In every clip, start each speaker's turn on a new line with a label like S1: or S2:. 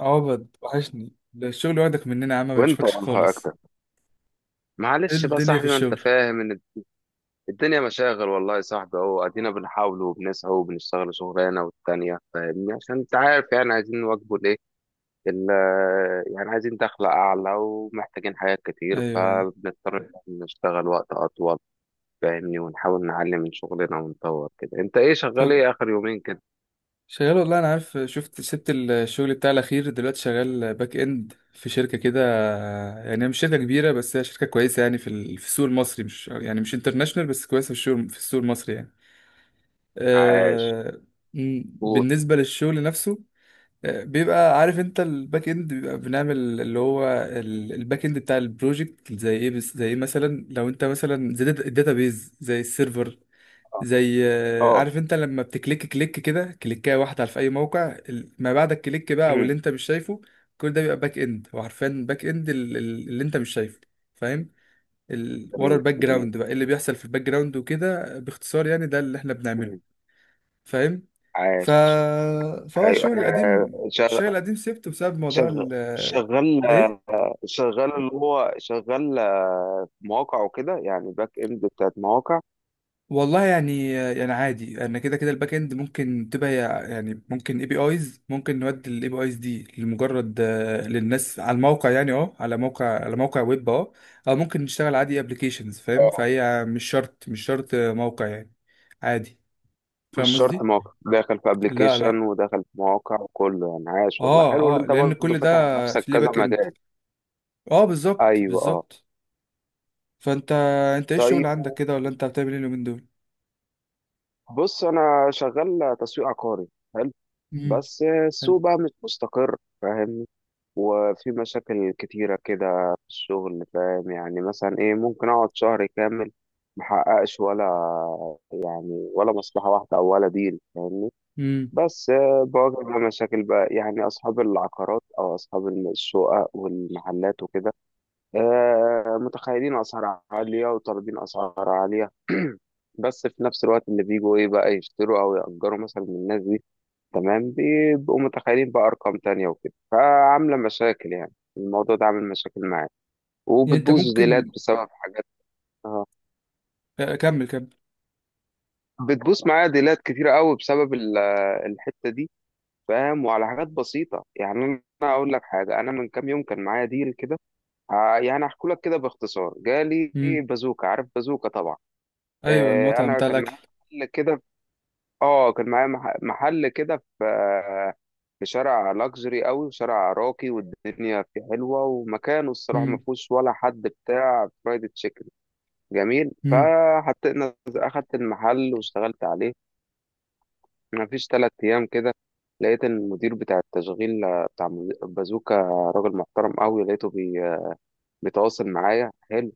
S1: عبد وحشني ده الشغل واخدك مننا يا عم، ما
S2: وانت
S1: بنشوفكش
S2: والله
S1: خالص.
S2: اكتر.
S1: ايه
S2: معلش بقى يا
S1: الدنيا في
S2: صاحبي، ما انت
S1: الشغل؟
S2: فاهم ان الدنيا مشاغل، والله يا صاحبي اهو ادينا بنحاول وبنسعى وبنشتغل شغلانه والتانيه، فاهمني عشان انت عارف، يعني عايزين نواكبوا الايه، ال- يعني عايزين دخل اعلى ومحتاجين حاجات كتير،
S1: ايوه، ايوه.
S2: فبنضطر إن إحنا نشتغل وقت اطول، فاهمني، ونحاول نعلي من شغلنا ونطور كده. انت ايه شغال،
S1: طب.
S2: ايه اخر يومين كده؟
S1: شغال والله، انا عارف شفت سبت الشغل بتاع الاخير، دلوقتي شغال باك اند في شركه كده. يعني هي مش شركه كبيره، بس هي شركه كويسه، يعني في السوق المصري، مش يعني مش انترناشونال، بس كويسه في السوق المصري يعني.
S2: عاش.
S1: أه.
S2: قول.
S1: بالنسبه للشغل نفسه، بيبقى عارف انت الباك اند، بيبقى بنعمل اللي هو الباك اند بتاع البروجكت زي ايه. بس زي ايه مثلا، لو انت مثلا زي الداتابيز، زي السيرفر، زي
S2: اه.
S1: عارف انت لما بتكليك كليك كده كليكايه واحده في اي موقع، ما بعد الكليك بقى، او اللي
S2: أمم.
S1: انت مش شايفه. كل ده بيبقى باك اند. وعارفين باك اند اللي انت مش شايفه. فاهم. ورا
S2: جميل
S1: الباك
S2: جميل.
S1: جراوند، بقى ايه اللي بيحصل في الباك جراوند وكده، باختصار يعني ده اللي احنا
S2: أمم.
S1: بنعمله. فاهم. ف...
S2: عاش.
S1: فهو
S2: ايوه
S1: الشغل القديم
S2: شغال.
S1: الشغل القديم سبته بسبب موضوع
S2: شغال شغال
S1: ايه.
S2: شغال اللي هو شغال مواقع وكده، يعني باك اند بتاعت مواقع.
S1: والله يعني عادي، انا كده كده الباك اند ممكن تبقى يعني ممكن اي بي ايز، ممكن نودي الاي بي ايز دي لمجرد، للناس على الموقع يعني، اه، على موقع ويب، اه. او ممكن نشتغل عادي ابلكيشنز، فاهم،
S2: اه،
S1: فهي مش شرط موقع يعني. عادي.
S2: مش
S1: فاهم
S2: شرط
S1: قصدي.
S2: مواقع، داخل في
S1: لا،
S2: ابلكيشن
S1: لا.
S2: وداخل في مواقع وكله، يعني عاش والله،
S1: اه،
S2: حلو اللي
S1: اه،
S2: انت
S1: لان
S2: برضه
S1: كل ده
S2: فاتح على نفسك
S1: في ليه
S2: كذا
S1: باك اند.
S2: مجال.
S1: اه، بالظبط،
S2: ايوه اه.
S1: بالظبط. فانت، انت ايه الشغل
S2: طيب،
S1: عندك كده، ولا انت بتعمل ايه اليومين دول؟
S2: بص انا شغال تسويق عقاري. حلو.
S1: امم.
S2: بس
S1: حلو.
S2: السوق بقى مش مستقر، فاهمني، وفي مشاكل كتيرة كده في الشغل، فاهم، يعني مثلا ايه، ممكن اقعد شهر كامل محققش ولا ولا مصلحة واحدة أو ولا ديل، فاهمني.
S1: امم.
S2: بس بواجه بقى مشاكل بقى، يعني أصحاب العقارات أو أصحاب الشقق والمحلات وكده متخيلين أسعار عالية وطالبين أسعار عالية بس في نفس الوقت اللي بيجوا ايه بقى يشتروا او يأجروا مثلا من الناس دي، تمام، بيبقوا متخيلين بقى ارقام تانية وكده، فعاملة مشاكل، يعني الموضوع ده عامل مشاكل معايا،
S1: يعني انت
S2: وبتبوظ ديلات
S1: ممكن.
S2: بسبب حاجات. اه،
S1: كمل، كمل.
S2: بتبوظ معايا ديلات كتيرة قوي بسبب الحتة دي، فاهم، وعلى حاجات بسيطة. يعني أنا أقول لك حاجة، أنا من كام يوم كان معايا ديل كده، يعني أحكي لك كده باختصار. جالي
S1: امم.
S2: بازوكا، عارف بازوكا طبعا.
S1: ايوه، المطعم
S2: أنا
S1: بتاع
S2: كان
S1: الاكل.
S2: معايا محل كده، آه كان معايا محل كده في في شارع لاكجري قوي، شارع راقي والدنيا فيه حلوه، ومكانه الصراحه ما
S1: امم،
S2: فيهوش ولا حد بتاع فرايد تشيكن. جميل،
S1: امم.
S2: فحطينا اخدت المحل واشتغلت عليه. ما فيش ثلاث ايام كده لقيت إن المدير بتاع التشغيل، بتاع بازوكا، راجل محترم قوي، لقيته بيتواصل معايا حلو،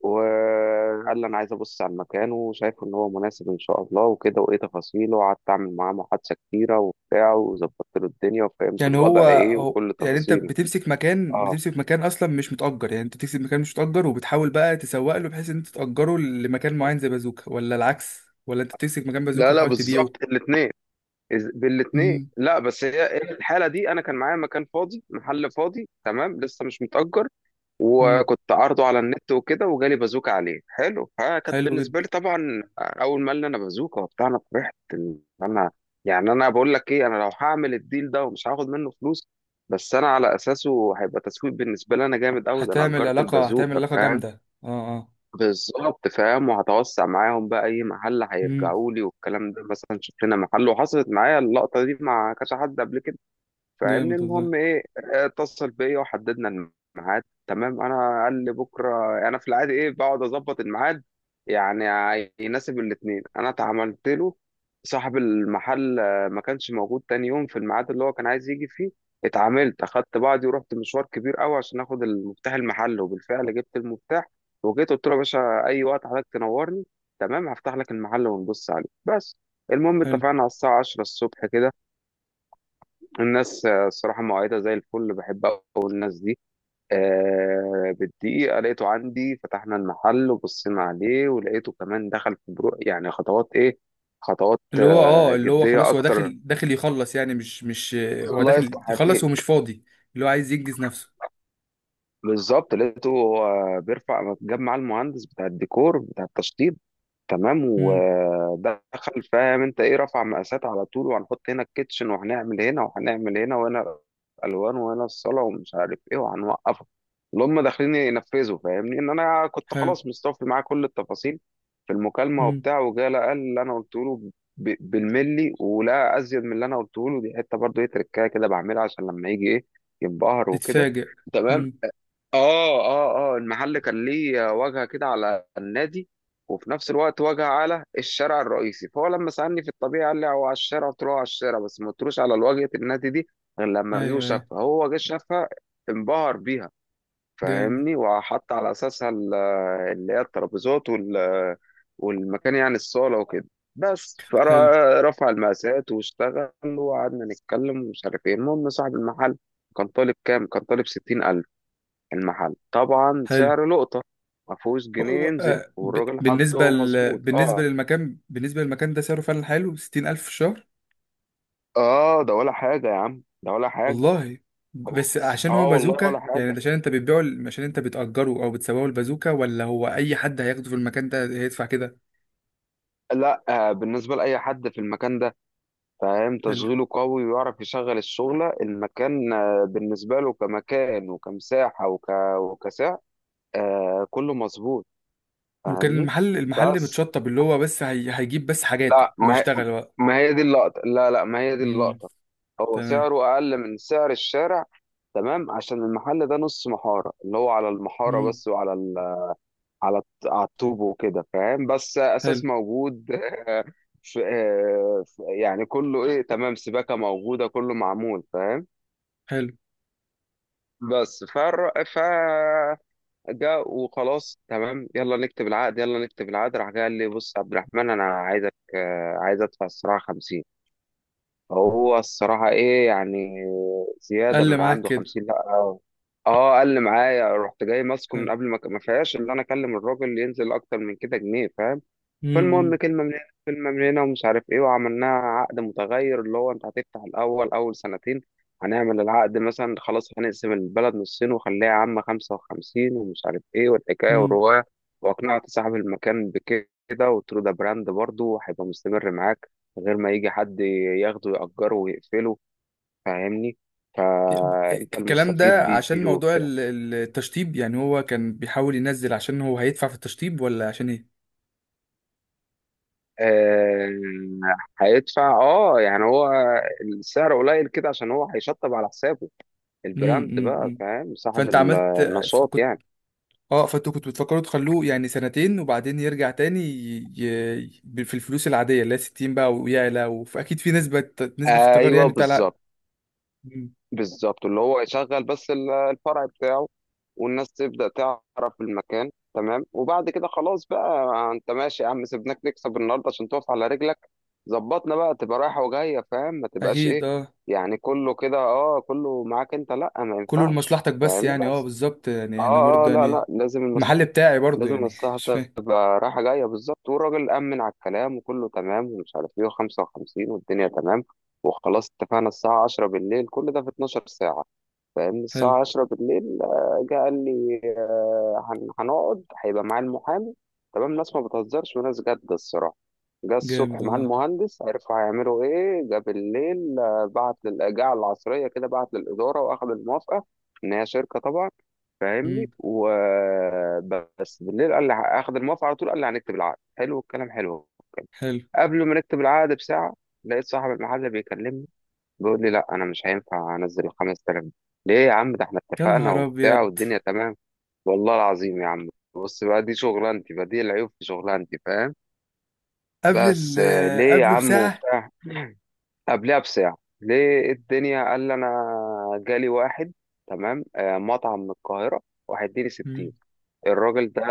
S2: وقال لي انا عايز ابص على المكان وشايف ان هو مناسب ان شاء الله وكده، وايه تفاصيله، وقعدت اعمل معاه محادثه كتيره وبتاع، وظبطت له الدنيا وفهمت
S1: يعني
S2: الوضع ايه وكل
S1: يعني انت
S2: تفاصيله.
S1: بتمسك مكان
S2: اه،
S1: بتمسك مكان اصلا مش متأجر، يعني انت بتمسك مكان مش متأجر وبتحاول بقى تسوق له بحيث ان انت تأجره لمكان معين زي بازوكا، ولا العكس؟ ولا انت بتمسك مكان بازوكا
S2: لا لا،
S1: وبتحاول تبيعه؟
S2: بالظبط الاثنين، بالاثنين.
S1: امم.
S2: لا بس هي الحاله دي انا كان معايا مكان فاضي، محل فاضي تمام لسه مش متأجر،
S1: امم.
S2: وكنت عارضه على النت وكده، وجالي بازوكة عليه، حلو. فكانت
S1: حلو
S2: بالنسبة
S1: جدا.
S2: لي طبعا، أول ما قال لي أنا بازوكة وبتاع، أنا فرحت إن أنا، يعني أنا بقول لك إيه، أنا لو هعمل الديل ده ومش هاخد منه فلوس، بس أنا على أساسه هيبقى تسويق بالنسبة لي أنا جامد أوي، ده أنا
S1: هتعمل
S2: أجرت
S1: علاقة هتعمل
S2: البازوكة،
S1: علاقة
S2: فاهم.
S1: جامدة، اه. اه.
S2: بالظبط، فاهم، وهتوسع معاهم بقى، أي محل
S1: امم.
S2: هيرجعوا لي والكلام ده، مثلا شوف لنا محل، وحصلت معايا اللقطة دي مع كذا حد قبل كده، فاهمني.
S1: جامد والله.
S2: المهم ايه، اتصل بيا وحددنا الميعاد تمام. انا قال لي بكره، انا في العادي ايه بقعد اظبط الميعاد يعني يناسب الاتنين. انا اتعاملت له. صاحب المحل ما كانش موجود تاني يوم في الميعاد اللي هو كان عايز يجي فيه. اتعاملت، اخدت بعضي ورحت مشوار كبير قوي عشان اخد المفتاح المحل، وبالفعل جبت المفتاح، وجيت قلت له يا باشا اي وقت حضرتك تنورني تمام، هفتح لك المحل ونبص عليه بس. المهم
S1: حلو
S2: اتفقنا على الساعه 10 الصبح كده. الناس الصراحة مؤيدة زي الفل، بحب أوي الناس دي. آه، بالدقيقة لقيته عندي، فتحنا المحل وبصينا عليه، ولقيته كمان دخل في برو، يعني خطوات إيه، خطوات
S1: اللي هو، اه
S2: آه
S1: اللي هو
S2: جدية
S1: خلاص، هو
S2: أكتر،
S1: داخل، داخل يخلص يعني. مش مش هو
S2: لايف
S1: داخل
S2: عليه.
S1: يخلص ومش فاضي. اللي هو عايز ينجز نفسه.
S2: بالظبط، لقيته هو بيرفع، جاب معاه المهندس بتاع الديكور بتاع التشطيب تمام،
S1: امم،
S2: ودخل فاهم انت ايه، رفع مقاسات على طول، وهنحط هنا الكيتشن وهنعمل هنا وهنعمل هنا، وهنا الالوان وهنا الصاله ومش عارف ايه، وهنوقفه، اللي هم داخلين ينفذوا. فاهمني ان انا كنت
S1: حلو.
S2: خلاص مستوفي معاه كل التفاصيل في المكالمه
S1: امم.
S2: وبتاع، وجا لقى اللي انا قلت له بالملي، ولا ازيد من اللي انا قلته له. دي حته برضه ايه، تركايه كده بعملها عشان لما يجي ايه ينبهر وكده.
S1: تتفاجئ. امم.
S2: اه، المحل كان ليه واجهه كده على النادي، وفي نفس الوقت واجهه على الشارع الرئيسي، فهو لما سالني في الطبيعي قال لي هو على الشارع، قلت له هو على الشارع، بس ما قلتلوش على واجهه النادي دي غير لما جه
S1: ايوه، ايوه.
S2: وشافها. هو جه شافها، انبهر بيها،
S1: جامد.
S2: فاهمني، وحط على اساسها اللي هي الترابيزات وال والمكان، يعني الصاله وكده بس،
S1: حلو،
S2: فرفع المقاسات واشتغل، وقعدنا نتكلم ومش عارف ايه. المهم صاحب المحل كان طالب كام، كان طالب 60,000. المحل طبعا
S1: حلو.
S2: سعر لقطة، ما فيهوش جنيه ينزل، والراجل حطه مظبوط اه.
S1: بالنسبة للمكان ده سعره فعلا حلو، 60 ألف في الشهر.
S2: اه ده ولا حاجة يا عم، ده ولا حاجة.
S1: والله.
S2: هو
S1: بس
S2: بس
S1: عشان هو
S2: اه والله ولا
S1: بازوكا يعني، ده
S2: حاجة.
S1: عشان انت بتبيعه، عشان انت بتأجره او بتسوقه البازوكا، ولا هو اي حد هياخده في المكان ده هيدفع كده؟
S2: لا آه، بالنسبة لأي حد في المكان ده، فاهم،
S1: حلو.
S2: تشغيله قوي ويعرف يشغل الشغلة، المكان آه بالنسبة له كمكان وكمساحة وكسعر آه، كله مظبوط،
S1: وكان
S2: فاهمني.
S1: المحل
S2: بس،
S1: متشطب، اللي هو بس هيجيب بس حاجاته
S2: لا ما هي،
S1: ويشتغل بقى.
S2: ما هي دي اللقطة، لا لا ما هي دي
S1: امم.
S2: اللقطة. هو
S1: تمام.
S2: سعره أقل من سعر الشارع، تمام، عشان المحل ده نص محارة، اللي هو على المحارة
S1: امم.
S2: بس وعلى على على الطوب وكده فاهم، بس أساس
S1: حلو،
S2: موجود. في... يعني كله إيه تمام، سباكة موجودة، كله معمول، فاهم.
S1: حلو.
S2: بس فر... ف جاء وخلاص تمام، يلا نكتب العقد يلا نكتب العقد. راح جاي قال لي بص يا عبد الرحمن أنا عايزك، عايز أدفع الصراحة 50. هو الصراحة إيه يعني، زيادة
S1: قال
S2: من
S1: معاك
S2: عنده
S1: كده.
S2: 50، لأ اه. قال لي معايا. رحت جاي ماسكه
S1: حلو.
S2: من قبل، ما فيهاش اللي انا اكلم الراجل ينزل اكتر من كده جنيه، فاهم. فالمهم
S1: امم،
S2: كلمة من هنا كلمة من هنا ومش عارف ايه، وعملناها عقد متغير اللي هو انت هتفتح الأول أول سنتين، هنعمل العقد مثلا خلاص، هنقسم البلد نصين، وخليها عامة خمسة وخمسين ومش عارف ايه، والحكاية
S1: امم.
S2: والرواية. وأقنعت صاحب المكان بكده، وقلت له ده براند برضه وهيبقى مستمر معاك، من غير ما يجي حد ياخده يأجره ويقفله، فاهمني، فأنت
S1: الكلام ده
S2: المستفيد
S1: عشان
S2: بيه
S1: موضوع
S2: وبتاع.
S1: التشطيب يعني، هو كان بيحاول ينزل عشان هو هيدفع في التشطيب، ولا عشان ايه؟
S2: آه، هيدفع اه، يعني هو السعر قليل كده عشان هو هيشطب على حسابه
S1: امم،
S2: البراند بقى،
S1: امم.
S2: فاهم، صاحب
S1: فانت عملت.
S2: النشاط
S1: كنت،
S2: يعني.
S1: اه، فانتوا كنتوا بتفكروا تخلوه يعني سنتين وبعدين يرجع تاني في الفلوس العادية اللي هي 60 بقى ويعلى، وأكيد في نسبة في التجار
S2: ايوه
S1: يعني بتاع.
S2: بالظبط
S1: لا.
S2: بالظبط اللي هو يشغل بس الفرع بتاعه، والناس تبدأ تعرف المكان تمام، وبعد كده خلاص بقى، انت ماشي يا عم، سيبناك نكسب النهارده عشان تقف على رجلك، ظبطنا بقى تبقى رايحة وجاية، فاهم، ما تبقاش ايه،
S1: اكيد، اه.
S2: يعني كله كده اه كله معاك انت، لا ما
S1: كله
S2: ينفعش،
S1: لمصلحتك بس
S2: فاهمني.
S1: يعني، اه،
S2: بس
S1: بالظبط يعني، انا
S2: اه اه،
S1: برضه
S2: لا لا
S1: يعني،
S2: لازم
S1: المحل بتاعي برضه
S2: لازم
S1: يعني
S2: المصلحة
S1: مش فاهم.
S2: تبقى رايحة جاية، بالظبط. والراجل أمن على الكلام وكله تمام ومش عارف ايه، وخمسة وخمسين والدنيا تمام، وخلاص اتفقنا الساعة عشرة بالليل. كل ده في اتناشر ساعة، فاهمني.
S1: حلو.
S2: الساعة عشرة بالليل جه قال لي هنقعد هيبقى معاه المحامي تمام، ناس ما بتهزرش وناس جد الصراحة. جه الصبح
S1: جامد
S2: مع
S1: والله.
S2: المهندس عرفوا هيعملوا ايه، جه بالليل جه على العصرية كده بعت للإدارة وأخد الموافقة، إن هي شركة طبعا، فاهمني.
S1: امم،
S2: وبس بالليل قال لي اخد الموافقه على طول، قال لي هنكتب العقد، حلو الكلام حلو.
S1: حلو.
S2: قبل ما نكتب العقد بساعه، لقيت صاحب المحل بيكلمني، بيقول لي لا انا مش هينفع انزل ال 5,000 دي. ليه يا عم، ده احنا
S1: يا
S2: اتفقنا
S1: نهار
S2: وبتاع
S1: ابيض.
S2: والدنيا تمام. والله العظيم يا عم، بص بقى دي شغلانتي بقى، دي العيوب في شغلانتي، فاهم.
S1: قبل
S2: بس ليه يا
S1: قبله
S2: عم
S1: بساعه.
S2: وبتاع؟ قبلها بساعه، ليه؟ إيه الدنيا؟ قال لي انا جالي واحد تمام مطعم من القاهره، وهيديني 60.
S1: امم،
S2: الراجل ده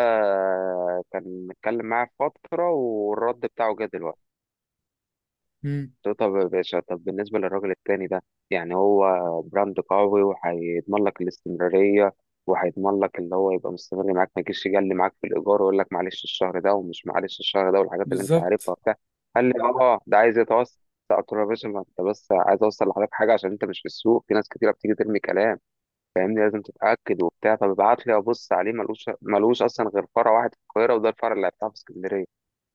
S2: كان متكلم معاه فترة، والرد بتاعه جه دلوقتي.
S1: امم.
S2: قلت له طب يا باشا، طب بالنسبة للراجل التاني ده، يعني هو براند قوي وهيضمن لك الاستمرارية، وهيضمن لك اللي هو يبقى مستمر معاك، ما يجيش يجلي معاك في الإيجار ويقول لك معلش الشهر ده ومش معلش الشهر ده والحاجات اللي أنت عارفها
S1: بالظبط.
S2: وبتاع. قال لي اه ده عايز يتوسع. قلت له يا باشا، ما أنت بس عايز أوصل لحضرتك حاجة، عشان أنت مش في السوق، في ناس كتيرة بتيجي ترمي كلام، فاهمني، لازم تتأكد وبتاع. فببعت لي أبص عليه، ملوش، ملوش أصلا غير فرع واحد في القاهرة، وده الفرع اللي هيفتحه في اسكندرية،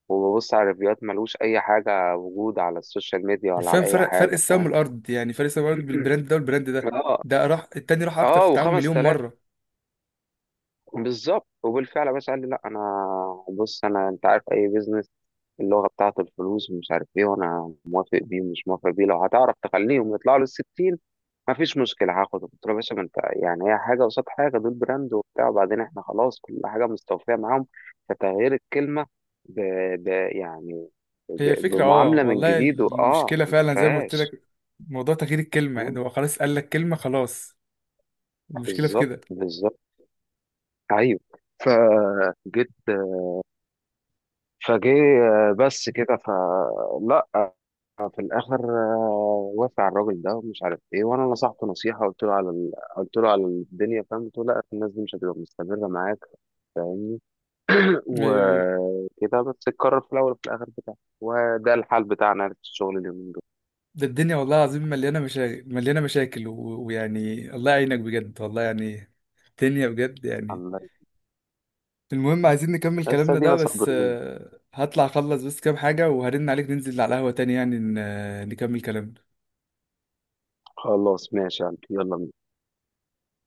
S2: وببص على الريفيوهات ملوش أي حاجة وجود على السوشيال ميديا ولا
S1: حرفيا،
S2: على أي
S1: فرق
S2: حاجة،
S1: السما
S2: فاهم.
S1: والارض يعني، فرق السما والارض بالبراند ده والبراند ده.
S2: اه
S1: ده راح، التاني راح اكتر في
S2: اه،
S1: التعامل
S2: وخمس
S1: مليون
S2: تلاف،
S1: مره.
S2: بالظبط. وبالفعل يا باشا قال لي لا أنا بص، أنا أنت عارف أي بيزنس اللغة بتاعته الفلوس ومش عارف إيه، وأنا موافق بيه ومش موافق بيه، لو هتعرف تخليهم يطلعوا للستين ما فيش مشكلة هاخده. قلت له يا باشا، ما انت يعني هي حاجة قصاد حاجة، دول براند وبتاع، وبعدين احنا خلاص كل حاجة مستوفية معاهم، فتغيير الكلمة ب... ب... يعني
S1: هي الفكره، اه،
S2: بمعاملة من
S1: والله
S2: جديد، واه
S1: المشكله
S2: ما
S1: فعلا زي ما قلت
S2: فيهاش.
S1: لك، موضوع تغيير الكلمه يعني،
S2: مم،
S1: هو خلاص قال لك كلمه، خلاص. المشكله في
S2: بالظبط
S1: كده.
S2: بالظبط ايوه، فجيت، فجه بس كده، فلا، في الاخر وافق على الراجل ده ومش عارف ايه، وانا نصحته نصيحه، قلت له على قلت له على الدنيا، فاهم، قلت له لا الناس دي مش هتبقى مستمره معاك
S1: ايوه، ايوه.
S2: وكده، بس القرار في الأول وفي الآخر بتاعنا، وده الحال بتاعنا في الشغل اليومين دول.
S1: ده الدنيا والله العظيم، مليانة مشاكل، مليانة مشاكل، ويعني الله يعينك بجد، والله يعني. الدنيا بجد يعني.
S2: الحمد لله،
S1: المهم عايزين نكمل
S2: بس
S1: كلامنا ده،
S2: أدينا
S1: بس
S2: صابرين.
S1: هطلع اخلص بس كام حاجة وهرن عليك ننزل على القهوة تاني، يعني نكمل كلامنا.
S2: خلاص ماشي يا قلبي، يلا.